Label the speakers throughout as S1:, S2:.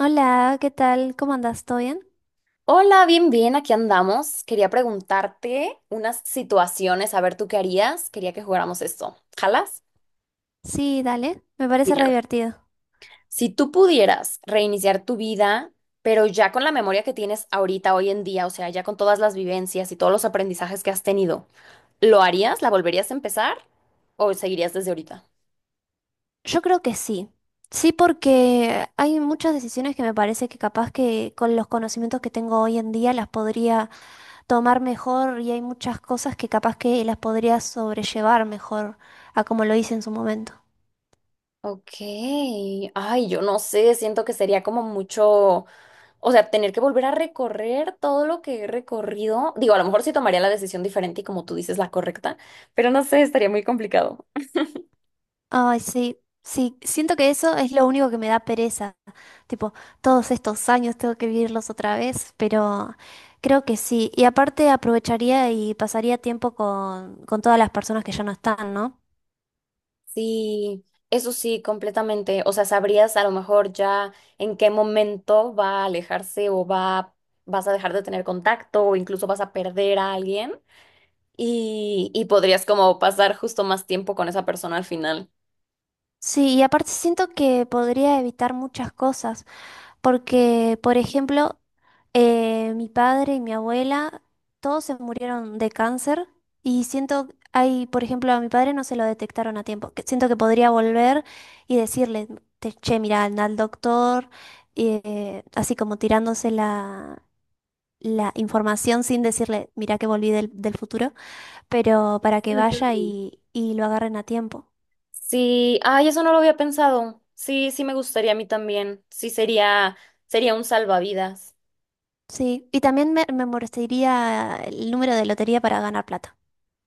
S1: Hola, ¿qué tal? ¿Cómo andas? ¿Todo bien?
S2: Hola, bien, bien, aquí andamos. Quería preguntarte unas situaciones, a ver tú qué harías. Quería que jugáramos esto. ¿Jalas?
S1: Sí, dale, me parece re
S2: Mira,
S1: divertido.
S2: si tú pudieras reiniciar tu vida, pero ya con la memoria que tienes ahorita, hoy en día, o sea, ya con todas las vivencias y todos los aprendizajes que has tenido, ¿lo harías? ¿La volverías a empezar? ¿O seguirías desde ahorita?
S1: Yo creo que sí. Sí, porque hay muchas decisiones que me parece que capaz que con los conocimientos que tengo hoy en día las podría tomar mejor y hay muchas cosas que capaz que las podría sobrellevar mejor a como lo hice en su momento.
S2: Ok, ay, yo no sé, siento que sería como mucho. O sea, tener que volver a recorrer todo lo que he recorrido. Digo, a lo mejor sí tomaría la decisión diferente y como tú dices, la correcta, pero no sé, estaría muy complicado.
S1: Ay, sí, sí, siento que eso es lo único que me da pereza. Tipo, todos estos años tengo que vivirlos otra vez, pero creo que sí. Y aparte aprovecharía y pasaría tiempo con todas las personas que ya no están, ¿no?
S2: Sí, eso sí, completamente. O sea, sabrías a lo mejor ya en qué momento va a alejarse o va, vas a dejar de tener contacto o incluso vas a perder a alguien y podrías como pasar justo más tiempo con esa persona al final.
S1: Sí, y aparte siento que podría evitar muchas cosas, porque, por ejemplo, mi padre y mi abuela, todos se murieron de cáncer y siento, hay, por ejemplo, a mi padre no se lo detectaron a tiempo. Que Siento que podría volver y decirle, che, mira, anda al doctor, así como tirándose la información sin decirle, mira que volví del futuro, pero para que vaya y lo agarren a tiempo.
S2: Sí, ay, eso no lo había pensado. Sí, sí me gustaría a mí también. Sí, sería, sería un salvavidas.
S1: Sí, y también me molestaría el número de lotería para ganar plata,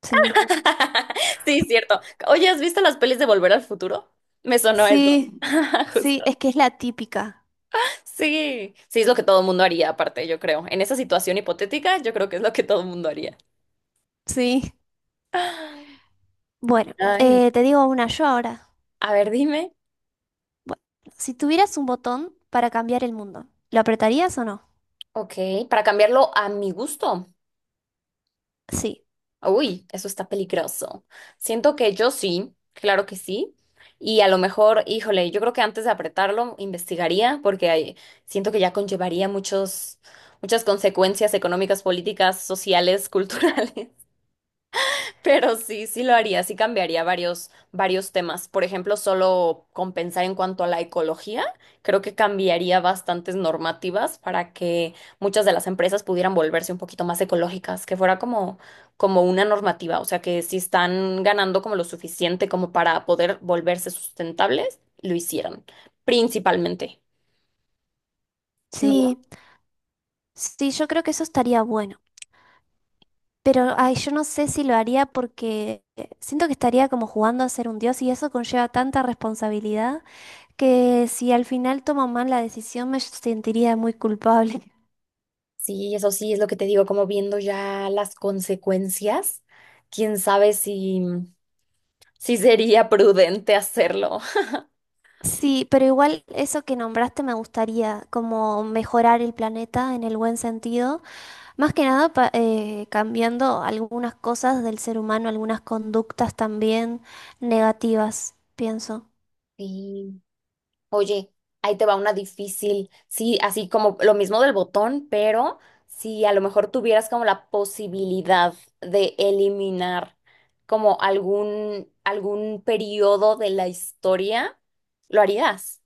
S1: sin duda.
S2: Sí, cierto. Oye, ¿has visto las pelis de Volver al Futuro? Me sonó eso.
S1: Sí, sí,
S2: Justo.
S1: es que es la típica.
S2: Sí, sí, es lo que todo el mundo haría, aparte, yo creo. En esa situación hipotética, yo creo que es lo que todo el mundo haría.
S1: Sí. Bueno,
S2: Ay.
S1: te digo una yo ahora.
S2: A ver, dime.
S1: Bueno, si tuvieras un botón para cambiar el mundo, ¿lo apretarías o no?
S2: Ok, para cambiarlo a mi gusto.
S1: Sí,
S2: Uy, eso está peligroso. Siento que yo sí, claro que sí. Y a lo mejor, híjole, yo creo que antes de apretarlo, investigaría, porque siento que ya conllevaría muchas consecuencias económicas, políticas, sociales, culturales. Pero sí, sí lo haría, sí cambiaría varios, varios temas. Por ejemplo, solo con pensar en cuanto a la ecología, creo que cambiaría bastantes normativas para que muchas de las empresas pudieran volverse un poquito más ecológicas, que fuera como, como una normativa, o sea, que si están ganando como lo suficiente como para poder volverse sustentables, lo hicieran, principalmente. No,
S1: sí, sí, yo creo que eso estaría bueno. Pero, ay, yo no sé si lo haría porque siento que estaría como jugando a ser un dios y eso conlleva tanta responsabilidad que si al final tomo mal la decisión me sentiría muy culpable.
S2: sí, eso sí es lo que te digo, como viendo ya las consecuencias, quién sabe si... Sí sería prudente hacerlo.
S1: Sí, pero igual eso que nombraste me gustaría, como mejorar el planeta en el buen sentido, más que nada cambiando algunas cosas del ser humano, algunas conductas también negativas, pienso.
S2: Sí. Oye, ahí te va una difícil. Sí, así como lo mismo del botón, pero si a lo mejor tuvieras como la posibilidad de eliminar como algún periodo de la historia, lo harías.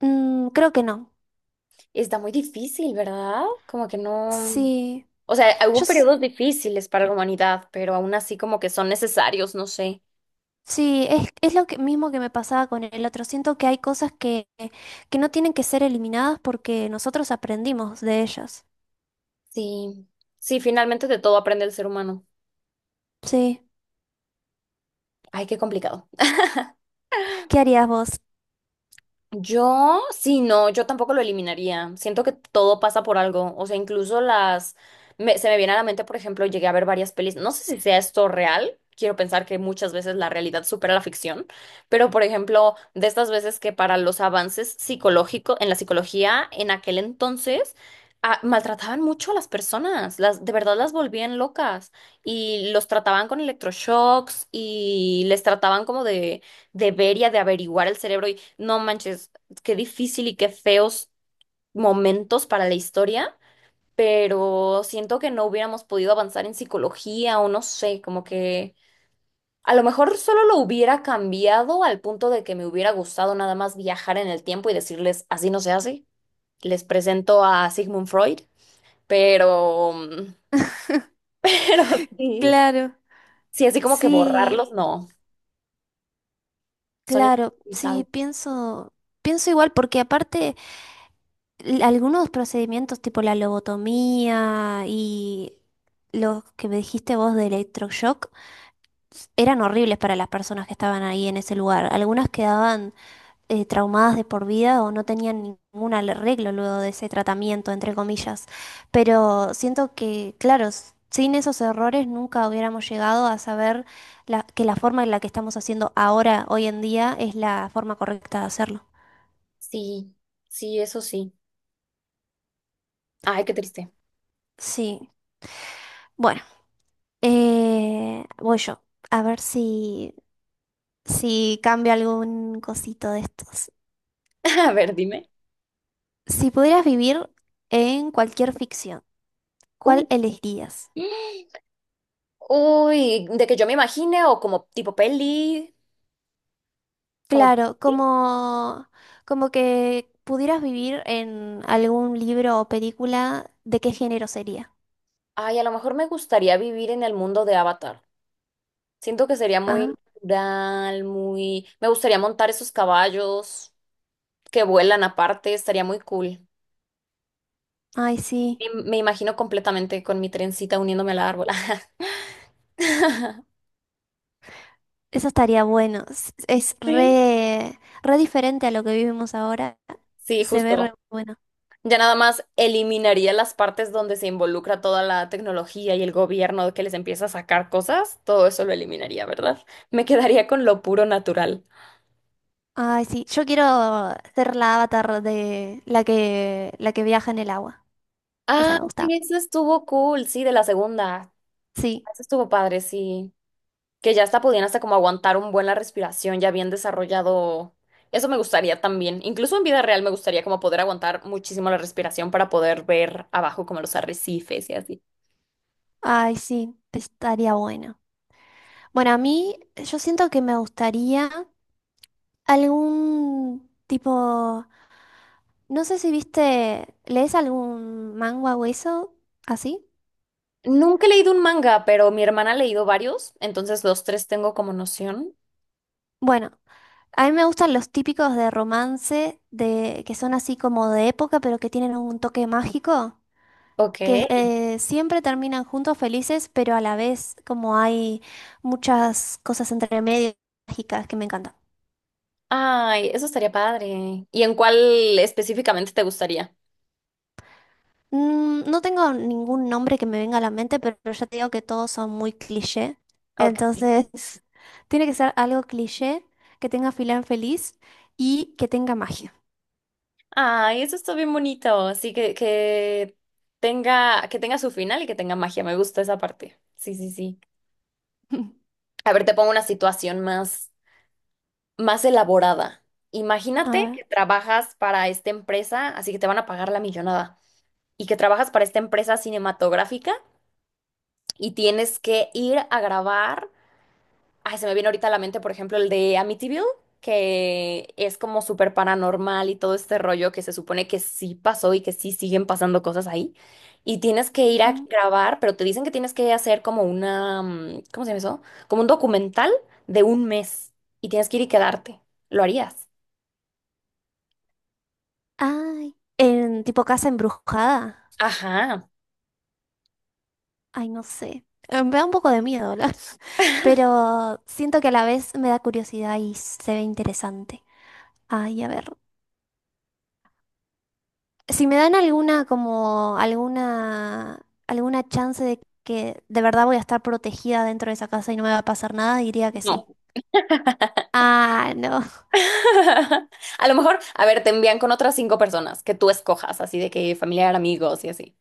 S1: Mm, creo que no.
S2: Está muy difícil, ¿verdad? Como que no.
S1: Sí,
S2: O sea,
S1: yo
S2: hubo
S1: s-
S2: periodos difíciles para la humanidad, pero aún así como que son necesarios, no sé.
S1: sí, es lo que, mismo que me pasaba con el otro. Siento que hay cosas que no tienen que ser eliminadas porque nosotros aprendimos de ellas.
S2: Sí, sí, finalmente de todo aprende el ser humano.
S1: Sí.
S2: Ay, qué complicado.
S1: ¿Qué harías vos?
S2: Yo, sí, no, yo tampoco lo eliminaría. Siento que todo pasa por algo. O sea, incluso las... se me viene a la mente, por ejemplo, llegué a ver varias pelis. No sé si sea esto real. Quiero pensar que muchas veces la realidad supera la ficción. Pero, por ejemplo, de estas veces que para los avances psicológicos, en la psicología, en aquel entonces, ah, maltrataban mucho a las personas. Las, de verdad las volvían locas. Y los trataban con electroshocks y les trataban como de debería de averiguar el cerebro y no manches, qué difícil y qué feos momentos para la historia, pero siento que no hubiéramos podido avanzar en psicología o no sé, como que a lo mejor solo lo hubiera cambiado al punto de que me hubiera gustado nada más viajar en el tiempo y decirles, así no se hace, les presento a Sigmund Freud, pero, pero sí,
S1: Claro.
S2: sí, así como que
S1: Sí.
S2: borrarlos, no, son
S1: Claro, sí,
S2: indispensables.
S1: pienso, pienso igual, porque aparte algunos procedimientos tipo la lobotomía y los que me dijiste vos de electroshock eran horribles para las personas que estaban ahí en ese lugar. Algunas quedaban traumadas de por vida o no tenían ningún arreglo luego de ese tratamiento, entre comillas. Pero siento que, claro, sin esos errores nunca hubiéramos llegado a saber que la forma en la que estamos haciendo ahora, hoy en día, es la forma correcta de hacerlo.
S2: Sí, sí, eso sí. Ay, qué triste.
S1: Sí, bueno, voy yo. A ver si cambio algún cosito de estos.
S2: A ver, dime.
S1: Si pudieras vivir en cualquier ficción,
S2: Uh,
S1: ¿cuál elegirías?
S2: Uy, de que yo me imagine o como tipo peli, como...
S1: Claro, como que pudieras vivir en algún libro o película, ¿de qué género sería?
S2: Ay, a lo mejor me gustaría vivir en el mundo de Avatar. Siento que sería
S1: Ah,
S2: muy natural, muy... Me gustaría montar esos caballos que vuelan aparte, estaría muy cool.
S1: ay, sí,
S2: Me imagino completamente con mi trencita uniéndome al árbol.
S1: eso estaría bueno. Es
S2: Sí.
S1: re, re diferente a lo que vivimos ahora.
S2: Sí,
S1: Se ve re
S2: justo.
S1: bueno.
S2: Ya nada más eliminaría las partes donde se involucra toda la tecnología y el gobierno que les empieza a sacar cosas, todo eso lo eliminaría, ¿verdad? Me quedaría con lo puro natural.
S1: Ay, sí, yo quiero ser la avatar de la que viaja en el agua. Esa
S2: Ah,
S1: me gusta.
S2: sí, eso estuvo cool, sí, de la segunda.
S1: Sí,
S2: Eso estuvo padre, sí. Que ya hasta podían hasta como aguantar un buen la respiración, ya bien desarrollado. Eso me gustaría también. Incluso en vida real me gustaría como poder aguantar muchísimo la respiración para poder ver abajo como los arrecifes y así.
S1: ay, sí, estaría bueno. Bueno, a mí, yo siento que me gustaría algún tipo, no sé si viste, ¿lees algún manga o eso? ¿Así?
S2: Nunca he leído un manga, pero mi hermana ha leído varios, entonces los tres tengo como noción.
S1: Bueno, a mí me gustan los típicos de romance, de, que son así como de época, pero que tienen un toque mágico,
S2: Ok.
S1: que siempre terminan juntos felices, pero a la vez como hay muchas cosas entre medio mágicas que me encantan.
S2: Ay, eso estaría padre. ¿Y en cuál específicamente te gustaría?
S1: Mm, no tengo ningún nombre que me venga a la mente, pero ya te digo que todos son muy cliché.
S2: Ok.
S1: Entonces, tiene que ser algo cliché, que tenga filán feliz y que tenga magia.
S2: Ay, eso está bien bonito. Así que, tenga, que tenga su final y que tenga magia. Me gusta esa parte. Sí, sí, sí. A ver, te pongo una situación más elaborada.
S1: A
S2: Imagínate
S1: ver.
S2: que trabajas para esta empresa, así que te van a pagar la millonada. Y que trabajas para esta empresa cinematográfica y tienes que ir a grabar. Ay, se me viene ahorita a la mente, por ejemplo, el de Amityville, que es como súper paranormal y todo este rollo que se supone que sí pasó y que sí siguen pasando cosas ahí. Y tienes que ir a
S1: mm,
S2: grabar, pero te dicen que tienes que hacer como una, ¿cómo se llama eso? Como un documental de un mes y tienes que ir y quedarte. ¿Lo harías?
S1: Ay, en tipo casa embrujada.
S2: Ajá,
S1: Ay, no sé. Me da un poco de miedo, pero siento que a la vez me da curiosidad y se ve interesante. Ay, a ver. Si me dan alguna como alguna chance de que de verdad voy a estar protegida dentro de esa casa y no me va a pasar nada, diría que sí.
S2: no.
S1: Ah, no.
S2: A lo mejor, a ver, te envían con otras cinco personas que tú escojas, así de que familiar, amigos y así.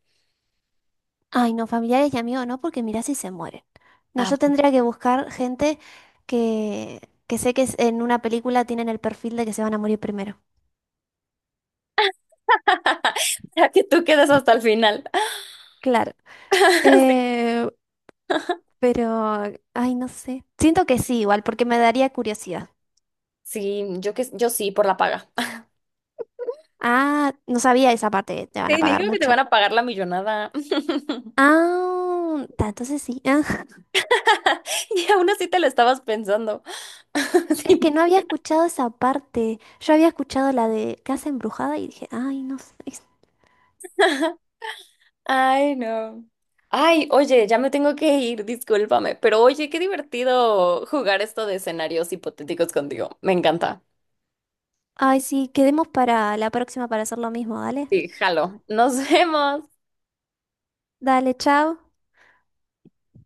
S1: Ay, no, familiares y amigos no, porque mirá si se mueren. No,
S2: Ah,
S1: yo tendría que buscar gente que, que sé que en una película tienen el perfil de que se van a morir primero.
S2: para que tú quedes hasta el final.
S1: Claro. Eh, pero, ay, no sé. Siento que sí, igual, porque me daría curiosidad.
S2: Sí, yo que yo sí, por la paga.
S1: Ah, no sabía esa parte, te van
S2: Te
S1: a pagar
S2: digo que te van
S1: mucho.
S2: a pagar la millonada.
S1: Ah, ta, entonces sí.
S2: Y aún así te la estabas pensando.
S1: Es
S2: Sí.
S1: que no había escuchado esa parte. Yo había escuchado la de Casa Embrujada y dije, ay, no sé.
S2: Ay, no. Ay, oye, ya me tengo que ir, discúlpame. Pero oye, qué divertido jugar esto de escenarios hipotéticos contigo. Me encanta.
S1: Ay, sí, quedemos para la próxima para hacer lo mismo, dale.
S2: Sí, jalo. Nos vemos.
S1: Dale, chao.